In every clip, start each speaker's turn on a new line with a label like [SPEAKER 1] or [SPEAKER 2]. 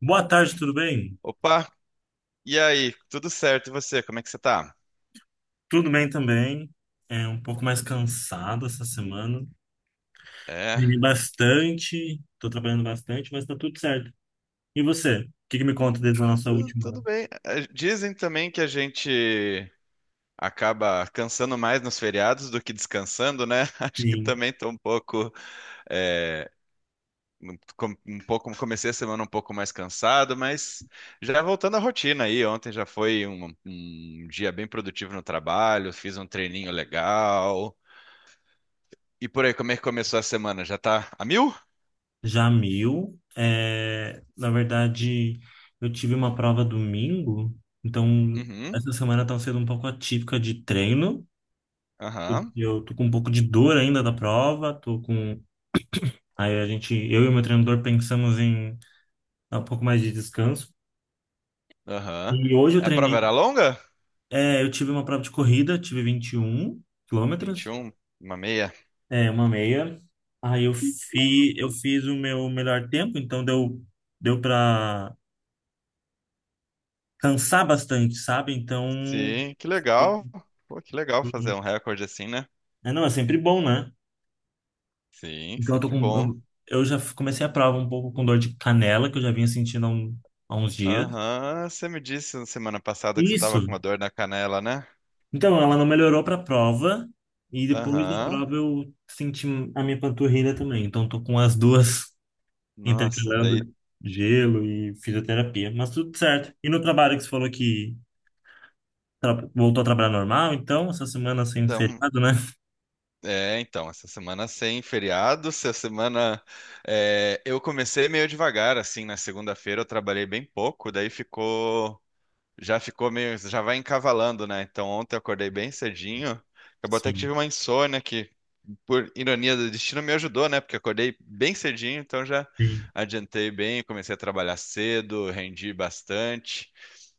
[SPEAKER 1] Boa tarde, tudo bem?
[SPEAKER 2] Opa, e aí? Tudo certo? E você? Como é que você tá?
[SPEAKER 1] Tudo bem também. É um pouco mais cansado essa semana.
[SPEAKER 2] É,
[SPEAKER 1] Dormi bastante, tô trabalhando bastante, mas tá tudo certo. E você? O que que me conta desde a nossa última?
[SPEAKER 2] tudo bem. Dizem também que a gente acaba cansando mais nos feriados do que descansando, né? Acho que
[SPEAKER 1] Sim,
[SPEAKER 2] também tô um pouco, eh, um pouco, comecei a semana um pouco mais cansado, mas já voltando à rotina aí. Ontem já foi um dia bem produtivo no trabalho, fiz um treininho legal. E por aí, como é que começou a semana? Já tá a mil?
[SPEAKER 1] Jamil. É, na verdade, eu tive uma prova domingo, então
[SPEAKER 2] Uhum,
[SPEAKER 1] essa semana tá sendo um pouco atípica de treino. Porque
[SPEAKER 2] aham,
[SPEAKER 1] eu tô com um pouco de dor ainda da prova, tô com. Aí a gente, eu e o meu treinador pensamos em dar um pouco mais de descanso.
[SPEAKER 2] aham.
[SPEAKER 1] E hoje eu
[SPEAKER 2] A prova
[SPEAKER 1] treinei.
[SPEAKER 2] era longa?
[SPEAKER 1] É, eu tive uma prova de corrida, tive 21
[SPEAKER 2] vinte e
[SPEAKER 1] quilômetros,
[SPEAKER 2] um uma meia.
[SPEAKER 1] é, uma meia. Aí eu fiz o meu melhor tempo, então deu para cansar bastante, sabe? Então,
[SPEAKER 2] Sim, que
[SPEAKER 1] eu-
[SPEAKER 2] legal. Pô, que legal fazer um recorde assim, né?
[SPEAKER 1] é, não, é sempre bom, né?
[SPEAKER 2] Sim,
[SPEAKER 1] Então
[SPEAKER 2] sempre bom.
[SPEAKER 1] eu já comecei a prova um pouco com dor de canela, que eu já vinha sentindo há uns dias.
[SPEAKER 2] Aham, você me disse na semana passada que você tava com
[SPEAKER 1] Isso.
[SPEAKER 2] uma dor na canela, né?
[SPEAKER 1] Então, ela não melhorou para a prova, e depois da
[SPEAKER 2] Aham.
[SPEAKER 1] prova eu senti a minha panturrilha também. Então, tô com as duas
[SPEAKER 2] Nossa, daí
[SPEAKER 1] intercalando gelo e fisioterapia, mas tudo certo. E no trabalho que você falou que voltou a trabalhar normal, então, essa semana sem
[SPEAKER 2] então.
[SPEAKER 1] feriado, né?
[SPEAKER 2] É, então, essa semana sem feriado, essa semana. É, eu comecei meio devagar, assim, na segunda-feira eu trabalhei bem pouco, daí ficou. Já ficou meio. Já vai encavalando, né? Então ontem eu acordei bem cedinho. Acabou até que
[SPEAKER 1] Sim,
[SPEAKER 2] tive uma insônia que, por ironia do destino, me ajudou, né? Porque acordei bem cedinho, então já
[SPEAKER 1] sim,
[SPEAKER 2] adiantei bem, comecei a trabalhar cedo, rendi bastante.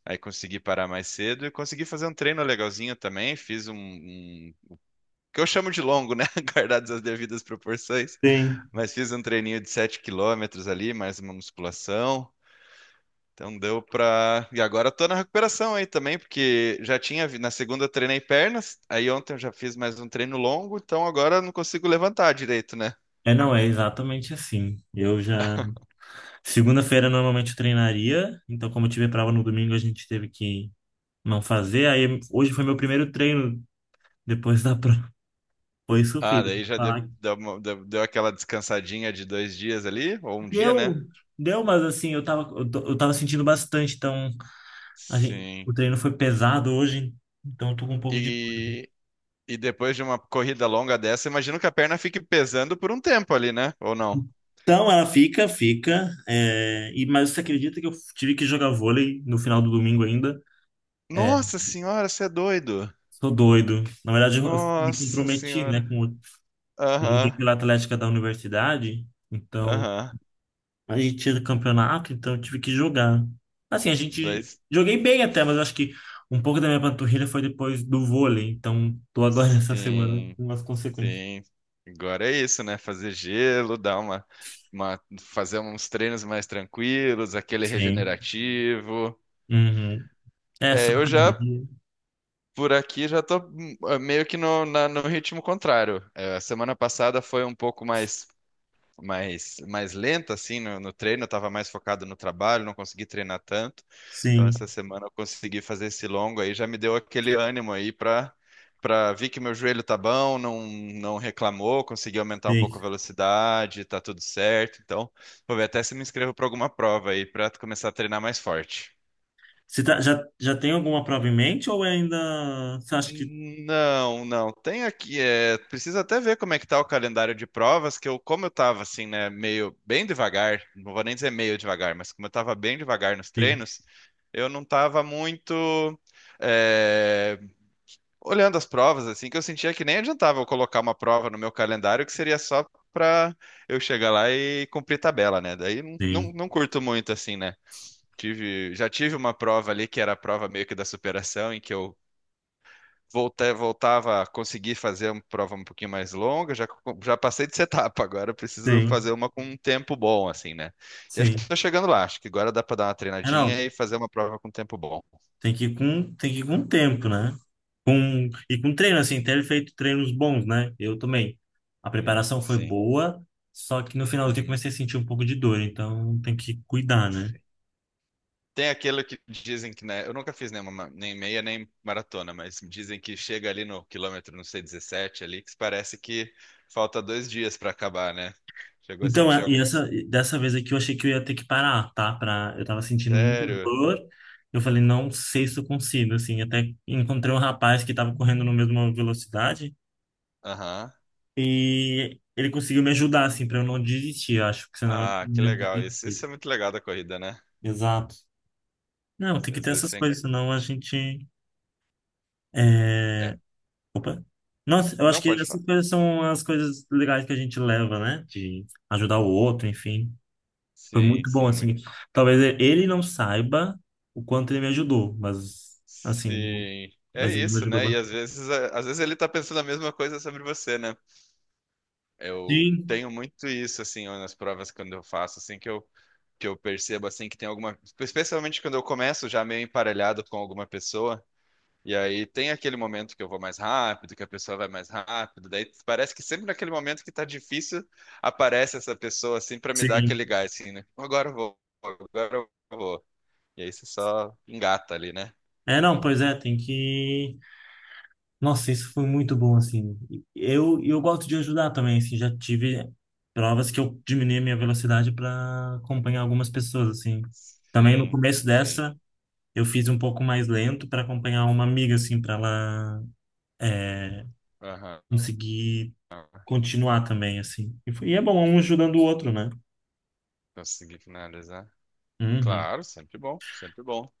[SPEAKER 2] Aí consegui parar mais cedo e consegui fazer um treino legalzinho também. Fiz um que eu chamo de longo, né? Guardadas as devidas proporções.
[SPEAKER 1] sim.
[SPEAKER 2] Mas fiz um treininho de 7 quilômetros ali, mais uma musculação. Então deu pra. E agora eu tô na recuperação aí também, porque já tinha. Na segunda eu treinei pernas, aí ontem eu já fiz mais um treino longo, então agora eu não consigo levantar direito, né?
[SPEAKER 1] É, não, é exatamente assim. Eu já. Segunda-feira normalmente eu treinaria, então, como eu tive prova no domingo, a gente teve que não fazer. Aí hoje foi meu primeiro treino depois da prova. Foi
[SPEAKER 2] Ah,
[SPEAKER 1] sofrido.
[SPEAKER 2] daí já deu,
[SPEAKER 1] Falar que
[SPEAKER 2] deu, uma- deu- deu aquela descansadinha de 2 dias ali, ou um dia, né?
[SPEAKER 1] deu, deu, mas assim, eu tava sentindo bastante, então. A gente,
[SPEAKER 2] Sim.
[SPEAKER 1] o treino foi pesado hoje, então eu tô com um pouco de dúvida.
[SPEAKER 2] E, e depois de uma corrida longa dessa, imagino que a perna fique pesando por um tempo ali, né? Ou não?
[SPEAKER 1] Então ela fica, mas você acredita que eu tive que jogar vôlei no final do domingo ainda? É,
[SPEAKER 2] Nossa senhora, você é doido.
[SPEAKER 1] sou doido. Na verdade, eu me
[SPEAKER 2] Nossa
[SPEAKER 1] comprometi, né?
[SPEAKER 2] senhora.
[SPEAKER 1] Eu joguei
[SPEAKER 2] Aham,
[SPEAKER 1] pela Atlética da universidade, então
[SPEAKER 2] aham.
[SPEAKER 1] a gente tinha campeonato, então eu tive que jogar. Assim, a
[SPEAKER 2] Daí,
[SPEAKER 1] gente joguei bem até, mas eu acho que um pouco da minha panturrilha foi depois do vôlei, então tô agora nessa semana
[SPEAKER 2] sim,
[SPEAKER 1] com as consequências.
[SPEAKER 2] sim. Agora é isso, né? Fazer gelo, fazer uns treinos mais tranquilos, aquele
[SPEAKER 1] Sim.
[SPEAKER 2] regenerativo.
[SPEAKER 1] Uhum. É só
[SPEAKER 2] É, eu já
[SPEAKER 1] academia.
[SPEAKER 2] Por aqui já tô meio que no ritmo contrário. É, a semana passada foi um pouco mais mais lenta assim no treino, eu tava mais focado no trabalho, não consegui treinar tanto. Então
[SPEAKER 1] Sim,
[SPEAKER 2] essa semana eu consegui fazer esse longo aí, já me deu aquele ânimo aí para ver que meu joelho tá bom, não reclamou, consegui aumentar um
[SPEAKER 1] sim.
[SPEAKER 2] pouco a velocidade, tá tudo certo. Então, vou ver até se me inscrevo para alguma prova aí para começar a treinar mais forte.
[SPEAKER 1] Já, já tem alguma prova em mente ou ainda você acha que
[SPEAKER 2] Não, não. Tem aqui, é, precisa até ver como é que tá o calendário de provas, que eu, como eu tava assim, né, meio bem devagar, não vou nem dizer meio devagar, mas como eu tava bem devagar nos
[SPEAKER 1] sim,
[SPEAKER 2] treinos, eu não tava muito é, olhando as provas, assim, que eu sentia que nem adiantava eu colocar uma prova no meu calendário, que seria só pra eu chegar lá e cumprir tabela, né? Daí
[SPEAKER 1] sim,
[SPEAKER 2] não curto muito, assim, né? Tive, já tive uma prova ali que era a prova meio que da superação, em que eu voltei, voltava a conseguir fazer uma prova um pouquinho mais longa, já, já passei de etapa, agora eu preciso
[SPEAKER 1] sim,
[SPEAKER 2] fazer uma com um tempo bom, assim, né? E acho que
[SPEAKER 1] sim.
[SPEAKER 2] estou chegando lá, acho que agora dá para dar uma
[SPEAKER 1] É,
[SPEAKER 2] treinadinha
[SPEAKER 1] não,
[SPEAKER 2] e fazer uma prova com tempo bom.
[SPEAKER 1] tem que tem que ir com tempo, né? Com, e com treino, assim, ter feito treinos bons, né? Eu também. A
[SPEAKER 2] Sim,
[SPEAKER 1] preparação foi
[SPEAKER 2] sim.
[SPEAKER 1] boa, só que no final finalzinho eu
[SPEAKER 2] Uhum.
[SPEAKER 1] comecei a sentir um pouco de dor, então tem que cuidar, né?
[SPEAKER 2] Tem aquele que dizem que, né? Eu nunca fiz nenhuma, nem meia nem maratona, mas dizem que chega ali no quilômetro, não sei, 17 ali, que parece que falta 2 dias para acabar, né? Chegou a sentir
[SPEAKER 1] E
[SPEAKER 2] alguma, assim?
[SPEAKER 1] essa, dessa vez aqui eu achei que eu ia ter que parar, tá? Pra, eu tava sentindo muito
[SPEAKER 2] Sério?
[SPEAKER 1] dor. Eu falei, não sei se eu consigo, assim. Até encontrei um rapaz que tava correndo na mesma velocidade
[SPEAKER 2] Aham.
[SPEAKER 1] e ele conseguiu me ajudar, assim, pra eu não desistir. Eu acho que senão eu
[SPEAKER 2] Ah, que
[SPEAKER 1] tinha
[SPEAKER 2] legal isso.
[SPEAKER 1] desistido.
[SPEAKER 2] Isso é muito legal da corrida, né?
[SPEAKER 1] Exato. Não, tem
[SPEAKER 2] Você,
[SPEAKER 1] que
[SPEAKER 2] às
[SPEAKER 1] ter
[SPEAKER 2] vezes
[SPEAKER 1] essas
[SPEAKER 2] você...
[SPEAKER 1] coisas, senão a gente.
[SPEAKER 2] é,
[SPEAKER 1] É... Opa. Nossa, eu acho
[SPEAKER 2] Não
[SPEAKER 1] que
[SPEAKER 2] pode
[SPEAKER 1] essas
[SPEAKER 2] falar.
[SPEAKER 1] coisas são as coisas legais que a gente leva, né? De ajudar o outro, enfim. Foi
[SPEAKER 2] Sim,
[SPEAKER 1] muito bom,
[SPEAKER 2] sim, muito.
[SPEAKER 1] assim. Talvez ele não saiba o quanto ele me ajudou, mas, assim,
[SPEAKER 2] Sim. É
[SPEAKER 1] mas ele me
[SPEAKER 2] isso,
[SPEAKER 1] ajudou
[SPEAKER 2] né? E às
[SPEAKER 1] bastante.
[SPEAKER 2] vezes, às vezes ele tá pensando a mesma coisa sobre você, né? Eu
[SPEAKER 1] Sim,
[SPEAKER 2] tenho muito isso, assim, nas provas quando eu faço, assim, que eu percebo, assim, que tem alguma... Especialmente quando eu começo já meio emparelhado com alguma pessoa. E aí tem aquele momento que eu vou mais rápido, que a pessoa vai mais rápido, daí parece que sempre naquele momento que tá difícil, aparece essa pessoa assim pra me dar aquele
[SPEAKER 1] sim.
[SPEAKER 2] gás assim, né? Agora eu vou. E aí você só engata ali, né?
[SPEAKER 1] É, não, pois é, tem que... Nossa, isso foi muito bom, assim. Eu gosto de ajudar também, assim, já tive provas que eu diminui a minha velocidade para acompanhar algumas pessoas, assim. Também no
[SPEAKER 2] Sim,
[SPEAKER 1] começo
[SPEAKER 2] sim.
[SPEAKER 1] dessa, eu fiz um pouco mais lento para acompanhar uma amiga, assim, para ela é,
[SPEAKER 2] Aham.
[SPEAKER 1] conseguir continuar também, assim. Foi, e é bom, um ajudando o outro, né?
[SPEAKER 2] Consegui finalizar.
[SPEAKER 1] Uhum.
[SPEAKER 2] Claro, sempre bom, sempre bom.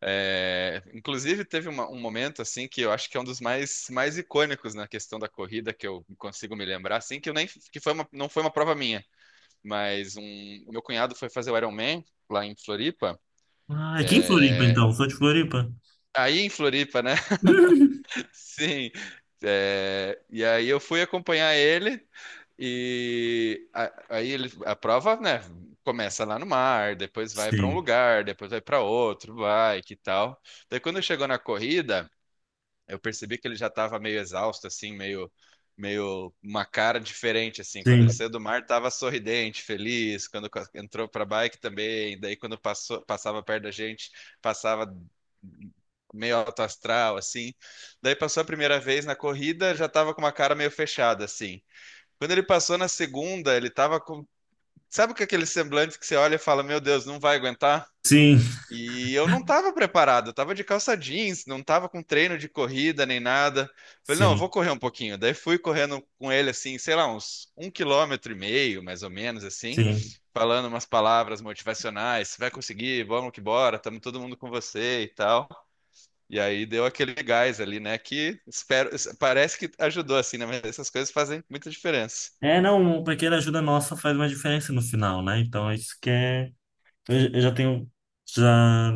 [SPEAKER 2] É, inclusive teve um momento assim que eu acho que é um dos mais, mais icônicos na questão da corrida que eu consigo me lembrar, assim que eu nem que foi uma, não foi uma prova minha. Mas um, meu cunhado foi fazer o Iron Man lá em Floripa.
[SPEAKER 1] Ah, aqui em Floripa, então. Sou de Floripa.
[SPEAKER 2] Aí em Floripa, né? Sim. É, e aí eu fui acompanhar ele aí ele, a prova, né? Começa lá no mar, depois vai para um
[SPEAKER 1] Sim,
[SPEAKER 2] lugar, depois vai para outro, vai que tal. Daí quando chegou na corrida, eu percebi que ele já estava meio exausto, assim, meio uma cara diferente, assim. Quando ele
[SPEAKER 1] sim,
[SPEAKER 2] saiu do mar, estava sorridente, feliz. Entrou para a bike também. Daí, passava perto da gente, passava meio alto astral, assim. Daí, passou a primeira vez na corrida, já estava com uma cara meio fechada, assim. Quando ele passou na segunda, ele estava com. Sabe com aquele semblante que você olha e fala: Meu Deus, não vai aguentar?
[SPEAKER 1] sim,
[SPEAKER 2] E eu não estava preparado, eu estava de calça jeans, não estava com treino de corrida nem nada. Falei, não, eu vou
[SPEAKER 1] sim,
[SPEAKER 2] correr um pouquinho. Daí fui correndo com ele assim, sei lá, uns um quilômetro e meio, mais ou menos assim,
[SPEAKER 1] sim.
[SPEAKER 2] falando umas palavras motivacionais, você vai conseguir, vamos que bora, estamos todo mundo com você e tal. E aí deu aquele gás ali, né? Que espero, parece que ajudou assim, né? Mas essas coisas fazem muita diferença.
[SPEAKER 1] É, não, uma pequena ajuda nossa faz uma diferença no final, né? Então, é isso que é... eu já tenho... Já,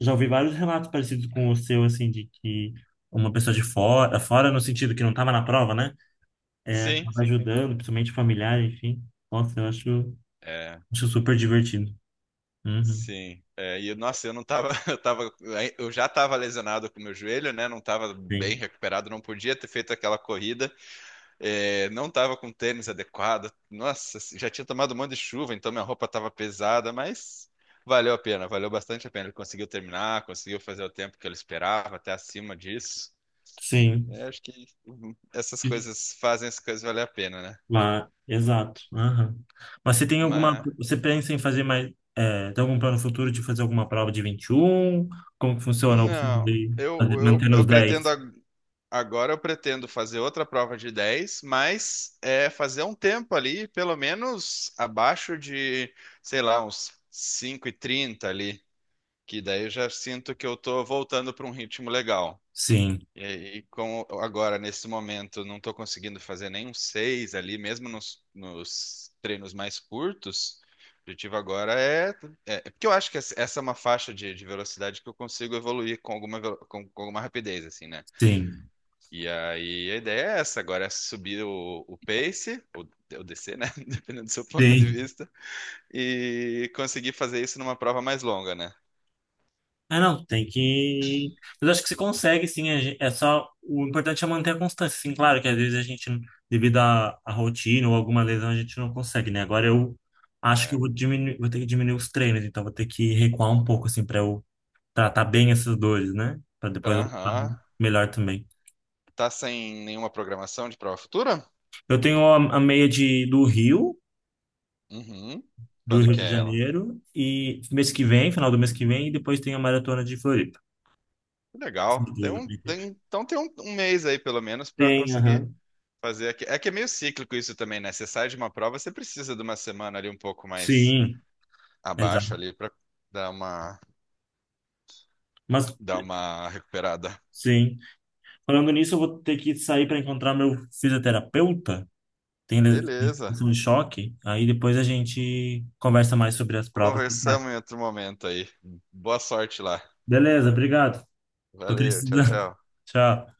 [SPEAKER 1] já ouvi vários relatos parecidos com o seu, assim, de que uma pessoa de fora, fora no sentido que não estava na prova, né? É,
[SPEAKER 2] Sim,
[SPEAKER 1] acaba
[SPEAKER 2] sim.
[SPEAKER 1] ajudando, principalmente familiar, enfim. Nossa, acho super divertido. Uhum.
[SPEAKER 2] Sim, é, e nossa, eu não tava, eu tava, eu já tava lesionado com o meu joelho, né? Não tava bem
[SPEAKER 1] Sim,
[SPEAKER 2] recuperado, não podia ter feito aquela corrida, é, não tava com tênis adequado. Nossa, já tinha tomado um monte de chuva, então minha roupa tava pesada, mas valeu a pena, valeu bastante a pena. Ele conseguiu terminar, conseguiu fazer o tempo que ele esperava, até acima disso.
[SPEAKER 1] sim.
[SPEAKER 2] É, acho que essas coisas fazem as coisas valer a pena, né?
[SPEAKER 1] Lá, exato. Aham. Mas você tem alguma.
[SPEAKER 2] Mas
[SPEAKER 1] Você pensa em fazer mais. É, tem algum plano futuro de fazer alguma prova de 21? Como que funciona? Ou Você
[SPEAKER 2] não,
[SPEAKER 1] vai fazer- mantendo os
[SPEAKER 2] eu pretendo.
[SPEAKER 1] 10?
[SPEAKER 2] Agora eu pretendo fazer outra prova de 10, mas é, fazer um tempo ali, pelo menos abaixo de, sei lá, uns 5:30 ali, que daí eu já sinto que eu tô voltando para um ritmo legal.
[SPEAKER 1] Sim,
[SPEAKER 2] E, e com, agora, nesse momento, não estou conseguindo fazer nem um 6 ali, mesmo nos treinos mais curtos. O objetivo agora é, é. É, porque eu acho que essa é uma faixa de velocidade que eu consigo evoluir com alguma, com alguma rapidez, assim, né?
[SPEAKER 1] sim,
[SPEAKER 2] E aí a ideia é essa, agora é subir o pace, ou descer, né? Dependendo do seu ponto de
[SPEAKER 1] sim.
[SPEAKER 2] vista, e conseguir fazer isso numa prova mais longa, né?
[SPEAKER 1] Ah, não, tem que. Mas acho que você consegue, sim. É só. O importante é manter a constância. Sim, claro que às vezes a gente, devido à, à rotina ou alguma lesão, a gente não consegue, né? Agora eu acho que eu
[SPEAKER 2] É.
[SPEAKER 1] vou diminuir, vou ter que diminuir os treinos, então vou ter que recuar um pouco, assim, para eu tratar bem essas dores, né? Pra depois voltar
[SPEAKER 2] Aham.
[SPEAKER 1] melhor também.
[SPEAKER 2] Tá sem nenhuma programação de prova futura?
[SPEAKER 1] Eu tenho a meia de,
[SPEAKER 2] Uhum.
[SPEAKER 1] do
[SPEAKER 2] Quando
[SPEAKER 1] Rio
[SPEAKER 2] que
[SPEAKER 1] de
[SPEAKER 2] é ela?
[SPEAKER 1] Janeiro, e mês que vem, final do mês que vem, e depois tem a maratona de Floripa.
[SPEAKER 2] Que
[SPEAKER 1] Essas
[SPEAKER 2] legal. Tem
[SPEAKER 1] duas eu
[SPEAKER 2] um,
[SPEAKER 1] pretendo.
[SPEAKER 2] então tem um, um mês aí, pelo menos, para
[SPEAKER 1] Tem,
[SPEAKER 2] conseguir
[SPEAKER 1] aham.
[SPEAKER 2] fazer aqui. É que é meio cíclico isso também, né? Você sai de uma prova, você precisa de uma semana ali um pouco mais
[SPEAKER 1] Sim,
[SPEAKER 2] abaixo
[SPEAKER 1] exato.
[SPEAKER 2] ali para dar uma,
[SPEAKER 1] Mas,
[SPEAKER 2] dar uma recuperada.
[SPEAKER 1] sim. Falando nisso, eu vou ter que sair para encontrar meu fisioterapeuta. Tem
[SPEAKER 2] Beleza.
[SPEAKER 1] questão de choque. Aí depois a gente conversa mais sobre as provas. Que tá.
[SPEAKER 2] Conversamos em outro momento aí. Boa sorte lá.
[SPEAKER 1] Beleza, obrigado. Tô
[SPEAKER 2] Valeu, tchau,
[SPEAKER 1] precisando.
[SPEAKER 2] tchau.
[SPEAKER 1] Tchau.